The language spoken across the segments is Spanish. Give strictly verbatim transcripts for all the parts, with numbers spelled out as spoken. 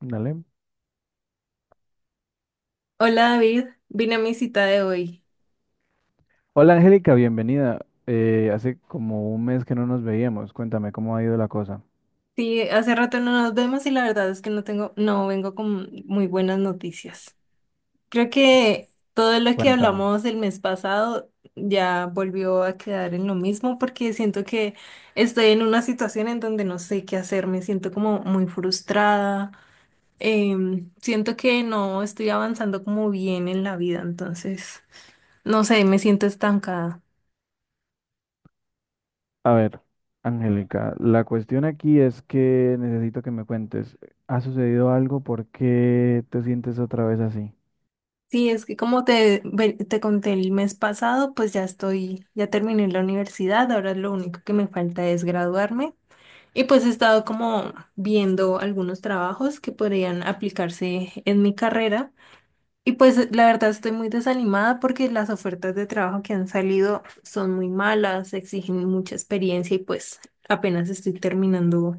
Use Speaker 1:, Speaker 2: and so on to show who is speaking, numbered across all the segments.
Speaker 1: Dale.
Speaker 2: Hola David, vine a mi cita de hoy.
Speaker 1: Hola Angélica, bienvenida. Eh, hace como un mes que no nos veíamos. Cuéntame cómo ha ido la cosa.
Speaker 2: Sí, hace rato no nos vemos y la verdad es que no tengo, no vengo con muy buenas noticias. Creo que todo lo que
Speaker 1: Cuéntame.
Speaker 2: hablamos el mes pasado ya volvió a quedar en lo mismo porque siento que estoy en una situación en donde no sé qué hacer, me siento como muy frustrada, em, siento que no estoy avanzando como bien en la vida, entonces, no sé, me siento estancada.
Speaker 1: A ver, Angélica, la cuestión aquí es que necesito que me cuentes. ¿Ha sucedido algo? ¿Por qué te sientes otra vez así?
Speaker 2: Sí, es que como te, ve- te conté el mes pasado, pues ya estoy, ya terminé la universidad, ahora lo único que me falta es graduarme y pues he estado como viendo algunos trabajos que podrían aplicarse en mi carrera y pues la verdad estoy muy desanimada porque las ofertas de trabajo que han salido son muy malas, exigen mucha experiencia y pues apenas estoy terminando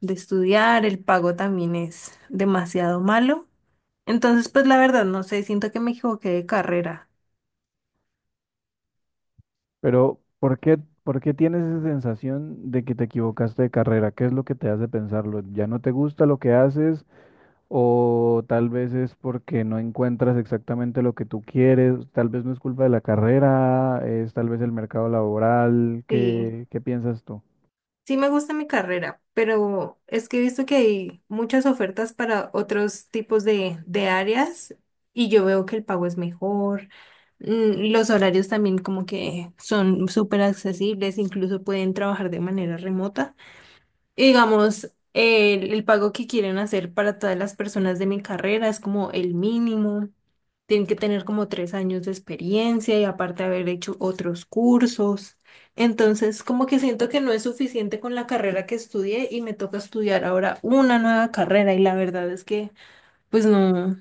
Speaker 2: de estudiar, el pago también es demasiado malo. Entonces, pues la verdad, no sé, siento que me equivoqué de carrera.
Speaker 1: Pero, ¿por qué, por qué tienes esa sensación de que te equivocaste de carrera? ¿Qué es lo que te hace pensarlo? ¿Ya no te gusta lo que haces? O tal vez es porque no encuentras exactamente lo que tú quieres, tal vez no es culpa de la carrera, es tal vez el mercado laboral,
Speaker 2: Sí,
Speaker 1: ¿qué, qué piensas tú?
Speaker 2: sí me gusta mi carrera, pero es que he visto que hay muchas ofertas para otros tipos de, de áreas y yo veo que el pago es mejor. mm, Los horarios también como que son súper accesibles, incluso pueden trabajar de manera remota. Y digamos, el, el pago que quieren hacer para todas las personas de mi carrera es como el mínimo. Tienen que tener como tres años de experiencia y aparte haber hecho otros cursos. Entonces, como que siento que no es suficiente con la carrera que estudié y me toca estudiar ahora una nueva carrera y la verdad es que, pues no,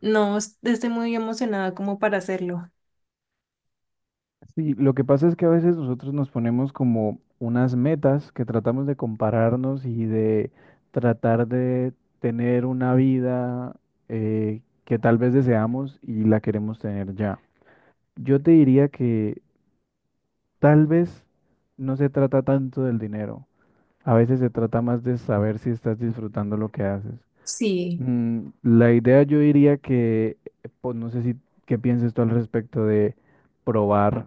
Speaker 2: no es- estoy muy emocionada como para hacerlo.
Speaker 1: Sí, lo que pasa es que a veces nosotros nos ponemos como unas metas que tratamos de compararnos y de tratar de tener una vida eh, que tal vez deseamos y la queremos tener ya. Yo te diría que tal vez no se trata tanto del dinero. A veces se trata más de saber si estás disfrutando lo que haces.
Speaker 2: Sí,
Speaker 1: Mm, la idea yo diría que, eh, pues no sé si qué pienses tú al respecto de probar,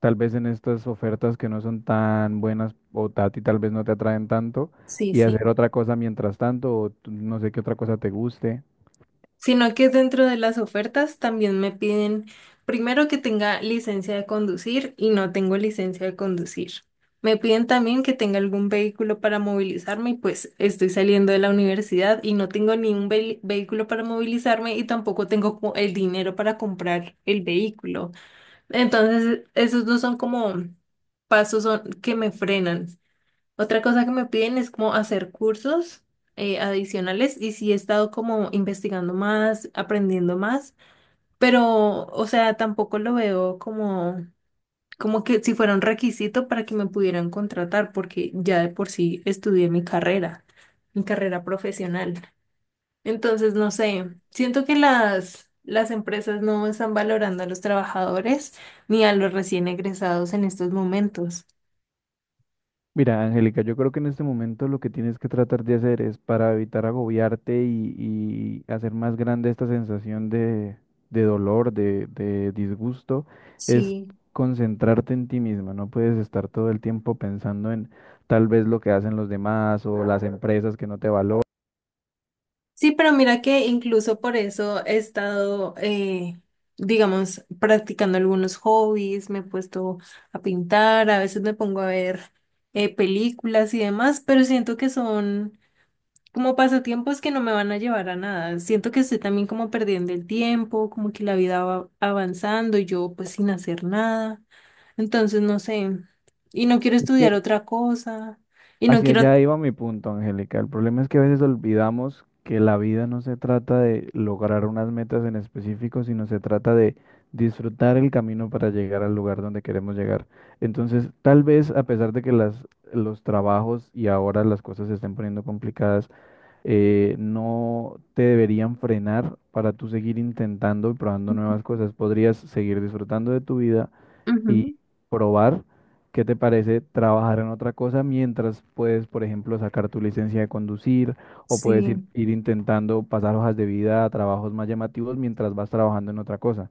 Speaker 1: tal vez en estas ofertas que no son tan buenas o ta- a ti tal vez no te atraen tanto,
Speaker 2: sí,
Speaker 1: y
Speaker 2: sí.
Speaker 1: hacer otra cosa mientras tanto, o tú- no sé qué otra cosa te guste.
Speaker 2: Sino que dentro de las ofertas también me piden primero que tenga licencia de conducir y no tengo licencia de conducir. Me piden también que tenga algún vehículo para movilizarme y pues estoy saliendo de la universidad y no tengo ni un ve- vehículo para movilizarme y tampoco tengo como el dinero para comprar el vehículo. Entonces, esos dos son como pasos son- que me frenan. Otra cosa que me piden es como hacer cursos eh, adicionales y sí he estado como investigando más, aprendiendo más, pero o sea, tampoco lo veo como, como que si fuera un requisito para que me pudieran contratar, porque ya de por sí estudié mi carrera, mi carrera profesional. Entonces, no sé, siento que las, las empresas no están valorando a los trabajadores ni a los recién egresados en estos momentos.
Speaker 1: Mira, Angélica, yo creo que en este momento lo que tienes que tratar de hacer es para evitar agobiarte y, y hacer más grande esta sensación de, de dolor, de, de disgusto, es
Speaker 2: Sí.
Speaker 1: concentrarte en ti misma. No puedes estar todo el tiempo pensando en tal vez lo que hacen los demás o las empresas que no te valoran.
Speaker 2: Sí, pero mira que incluso por eso he estado, eh, digamos, practicando algunos hobbies, me he puesto a pintar, a veces me pongo a ver eh, películas y demás, pero siento que son como pasatiempos que no me van a llevar a nada. Siento que estoy también como perdiendo el tiempo, como que la vida va avanzando y yo pues sin hacer nada. Entonces, no sé, y no quiero
Speaker 1: Es
Speaker 2: estudiar
Speaker 1: que.
Speaker 2: otra cosa, y no
Speaker 1: Hacia
Speaker 2: quiero...
Speaker 1: allá iba mi punto, Angélica. El problema es que a veces olvidamos que la vida no se trata de lograr unas metas en específico, sino se trata de disfrutar el camino para llegar al lugar donde queremos llegar. Entonces, tal vez a pesar de que las, los trabajos y ahora las cosas se estén poniendo complicadas, eh, no te deberían frenar para tú seguir intentando y probando nuevas cosas. Podrías seguir disfrutando de tu vida y
Speaker 2: Ujú.
Speaker 1: probar qué te parece trabajar en otra cosa mientras puedes, por ejemplo, sacar tu licencia de conducir o puedes ir,
Speaker 2: Sí.
Speaker 1: ir intentando pasar hojas de vida a trabajos más llamativos mientras vas trabajando en otra cosa.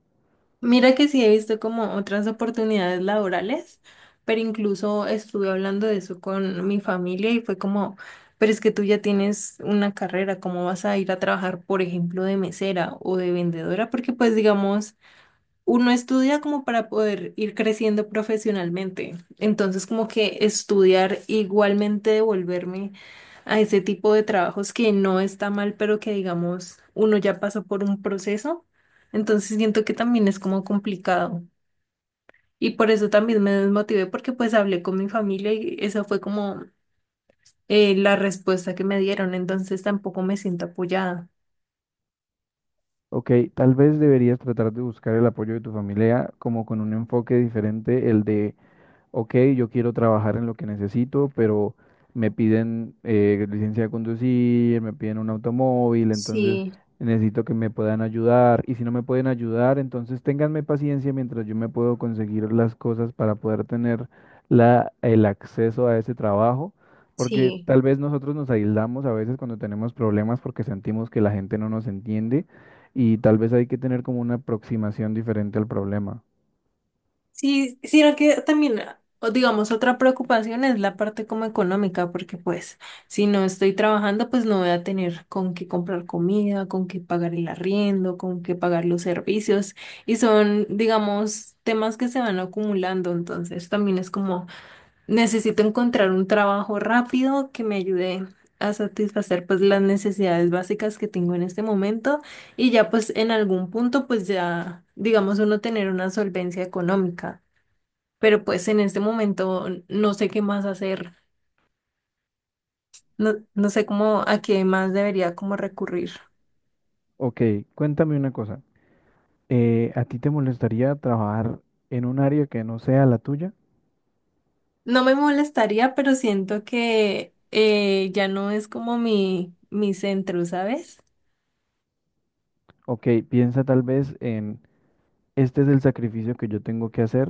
Speaker 2: Mira que sí he visto como otras oportunidades laborales, pero incluso estuve hablando de eso con mi familia y fue como, pero es que tú ya tienes una carrera, ¿cómo vas a ir a trabajar, por ejemplo, de mesera o de vendedora? Porque pues digamos uno estudia como para poder ir creciendo profesionalmente. Entonces, como que estudiar igualmente devolverme a ese tipo de trabajos que no está mal, pero que digamos, uno ya pasó por un proceso. Entonces, siento que también es como complicado. Y por eso también me desmotivé porque pues hablé con mi familia y esa fue como eh, la respuesta que me dieron. Entonces, tampoco me siento apoyada.
Speaker 1: Ok, tal vez deberías tratar de buscar el apoyo de tu familia como con un enfoque diferente, el de ok, yo quiero trabajar en lo que necesito, pero me piden eh, licencia de conducir, me piden un automóvil, entonces
Speaker 2: Sí,
Speaker 1: necesito que me puedan ayudar. Y si no me pueden ayudar, entonces ténganme paciencia mientras yo me puedo conseguir las cosas para poder tener la, el acceso a ese trabajo. Porque
Speaker 2: sí.
Speaker 1: tal vez nosotros nos aislamos a veces cuando tenemos problemas porque sentimos que la gente no nos entiende y tal vez hay que tener como una aproximación diferente al problema.
Speaker 2: Sí, sino que también, ah, o digamos, otra preocupación es la parte como económica, porque pues si no estoy trabajando, pues no voy a tener con qué comprar comida, con qué pagar el arriendo, con qué pagar los servicios, y son, digamos, temas que se van acumulando, entonces también es como necesito encontrar un trabajo rápido que me ayude a satisfacer pues las necesidades básicas que tengo en este momento. Y ya pues en algún punto pues ya, digamos, uno tener una solvencia económica, pero pues en este momento no sé qué más hacer, no, no sé cómo, a qué más debería como recurrir.
Speaker 1: Ok, cuéntame una cosa. eh, A ti te molestaría trabajar en un área que no sea la tuya?
Speaker 2: No me molestaría, pero siento que eh, ya no es como mi, mi centro, ¿sabes?
Speaker 1: Ok, piensa tal vez en, este es el sacrificio que yo tengo que hacer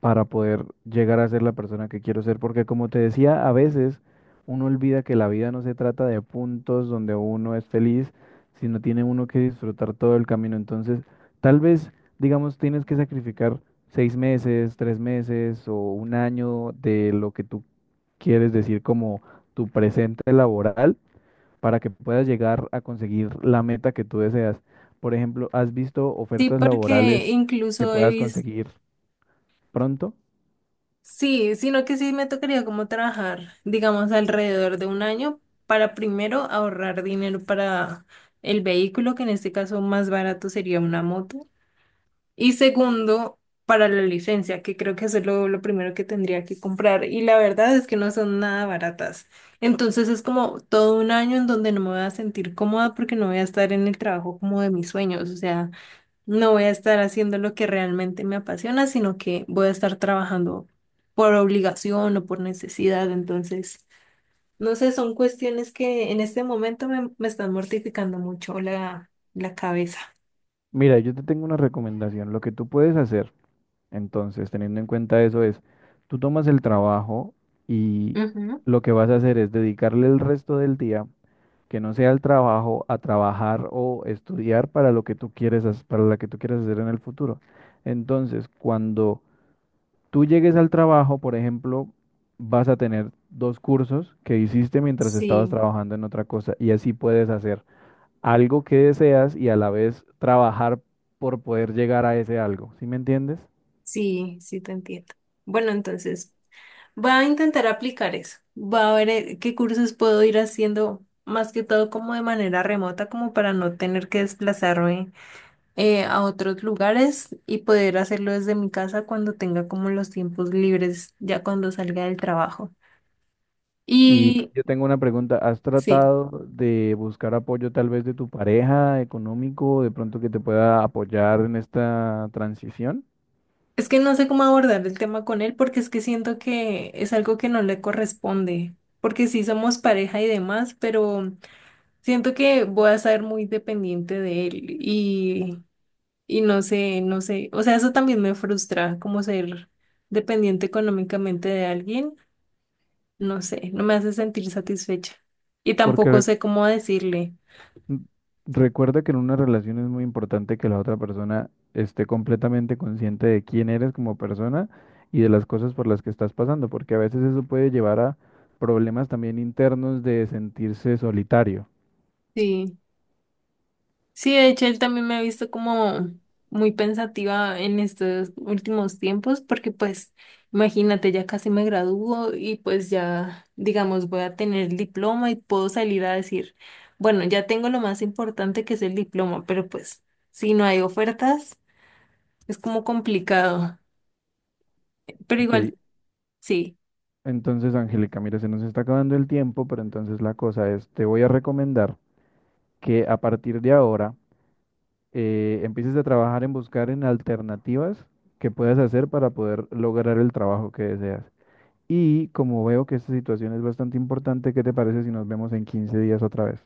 Speaker 1: para poder llegar a ser la persona que quiero ser, porque como te decía, a veces uno olvida que la vida no se trata de puntos donde uno es feliz, sino tiene uno que disfrutar todo el camino. Entonces, tal vez, digamos, tienes que sacrificar seis meses, tres meses o un año de lo que tú quieres decir como tu presente laboral para que puedas llegar a conseguir la meta que tú deseas. Por ejemplo, ¿has visto
Speaker 2: Sí,
Speaker 1: ofertas
Speaker 2: porque
Speaker 1: laborales que
Speaker 2: incluso he
Speaker 1: puedas
Speaker 2: visto,
Speaker 1: conseguir pronto?
Speaker 2: sí, sino que sí me tocaría como trabajar, digamos, alrededor de un año para primero ahorrar dinero para el vehículo, que en este caso más barato sería una moto. Y segundo, para la licencia, que creo que eso es lo, lo primero que tendría que comprar. Y la verdad es que no son nada baratas. Entonces es como todo un año en donde no me voy a sentir cómoda porque no voy a estar en el trabajo como de mis sueños. O sea, no voy a estar haciendo lo que realmente me apasiona, sino que voy a estar trabajando por obligación o por necesidad. Entonces, no sé, son cuestiones que en este momento me, me están mortificando mucho la, la cabeza.
Speaker 1: Mira, yo te tengo una recomendación. Lo que tú puedes hacer, entonces, teniendo en cuenta eso, es tú tomas el trabajo y
Speaker 2: Ujú.
Speaker 1: lo que vas a hacer es dedicarle el resto del día, que no sea el trabajo, a trabajar o estudiar para lo que tú quieres, hac- para la que tú quieres hacer en el futuro. Entonces, cuando tú llegues al trabajo, por ejemplo, vas a tener dos cursos que hiciste mientras estabas
Speaker 2: Sí.
Speaker 1: trabajando en otra cosa y así puedes hacer algo que deseas y a la vez trabajar por poder llegar a ese algo, ¿sí me entiendes?
Speaker 2: Sí, sí te entiendo. Bueno, entonces, voy a intentar aplicar eso. Voy a ver eh, qué cursos puedo ir haciendo, más que todo como de manera remota, como para no tener que desplazarme eh, a otros lugares y poder hacerlo desde mi casa cuando tenga como los tiempos libres, ya cuando salga del trabajo.
Speaker 1: Y
Speaker 2: Y
Speaker 1: yo tengo una pregunta, ¿has
Speaker 2: sí,
Speaker 1: tratado de buscar apoyo tal vez de tu pareja económico, de pronto que te pueda apoyar en esta transición?
Speaker 2: es que no sé cómo abordar el tema con él porque es que siento que es algo que no le corresponde, porque sí somos pareja y demás, pero... Siento que voy a ser muy dependiente de él y, y no sé, no sé, o sea, eso también me frustra, como ser dependiente económicamente de alguien, no sé, no me hace sentir satisfecha y
Speaker 1: Porque
Speaker 2: tampoco
Speaker 1: re-
Speaker 2: sé cómo decirle.
Speaker 1: Mm, Recuerda que en una relación es muy importante que la otra persona esté completamente consciente de quién eres como persona y de las cosas por las que estás pasando, porque a veces eso puede llevar a problemas también internos de sentirse solitario.
Speaker 2: Sí. Sí, de hecho, él también me ha visto como muy pensativa en estos últimos tiempos, porque pues, imagínate, ya casi me gradúo y pues ya, digamos, voy a tener el diploma y puedo salir a decir, bueno, ya tengo lo más importante que es el diploma, pero pues, si no hay ofertas, es como complicado. Pero
Speaker 1: Ok,
Speaker 2: igual, sí.
Speaker 1: entonces Angélica, mira, se nos está acabando el tiempo, pero entonces la cosa es, te voy a recomendar que a partir de ahora eh, empieces a trabajar en buscar en alternativas que puedas hacer para poder lograr el trabajo que deseas. Y como veo que esta situación es bastante importante, ¿qué te parece si nos vemos en quince días otra vez?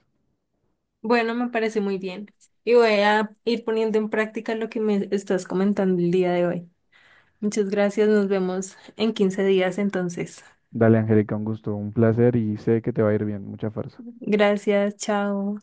Speaker 2: Bueno, me parece muy bien. Y voy a ir poniendo en práctica lo que me estás comentando el día de hoy. Muchas gracias, nos vemos en quince días entonces.
Speaker 1: Dale, Angélica, un gusto, un placer y sé que te va a ir bien. Mucha fuerza.
Speaker 2: Gracias, chao.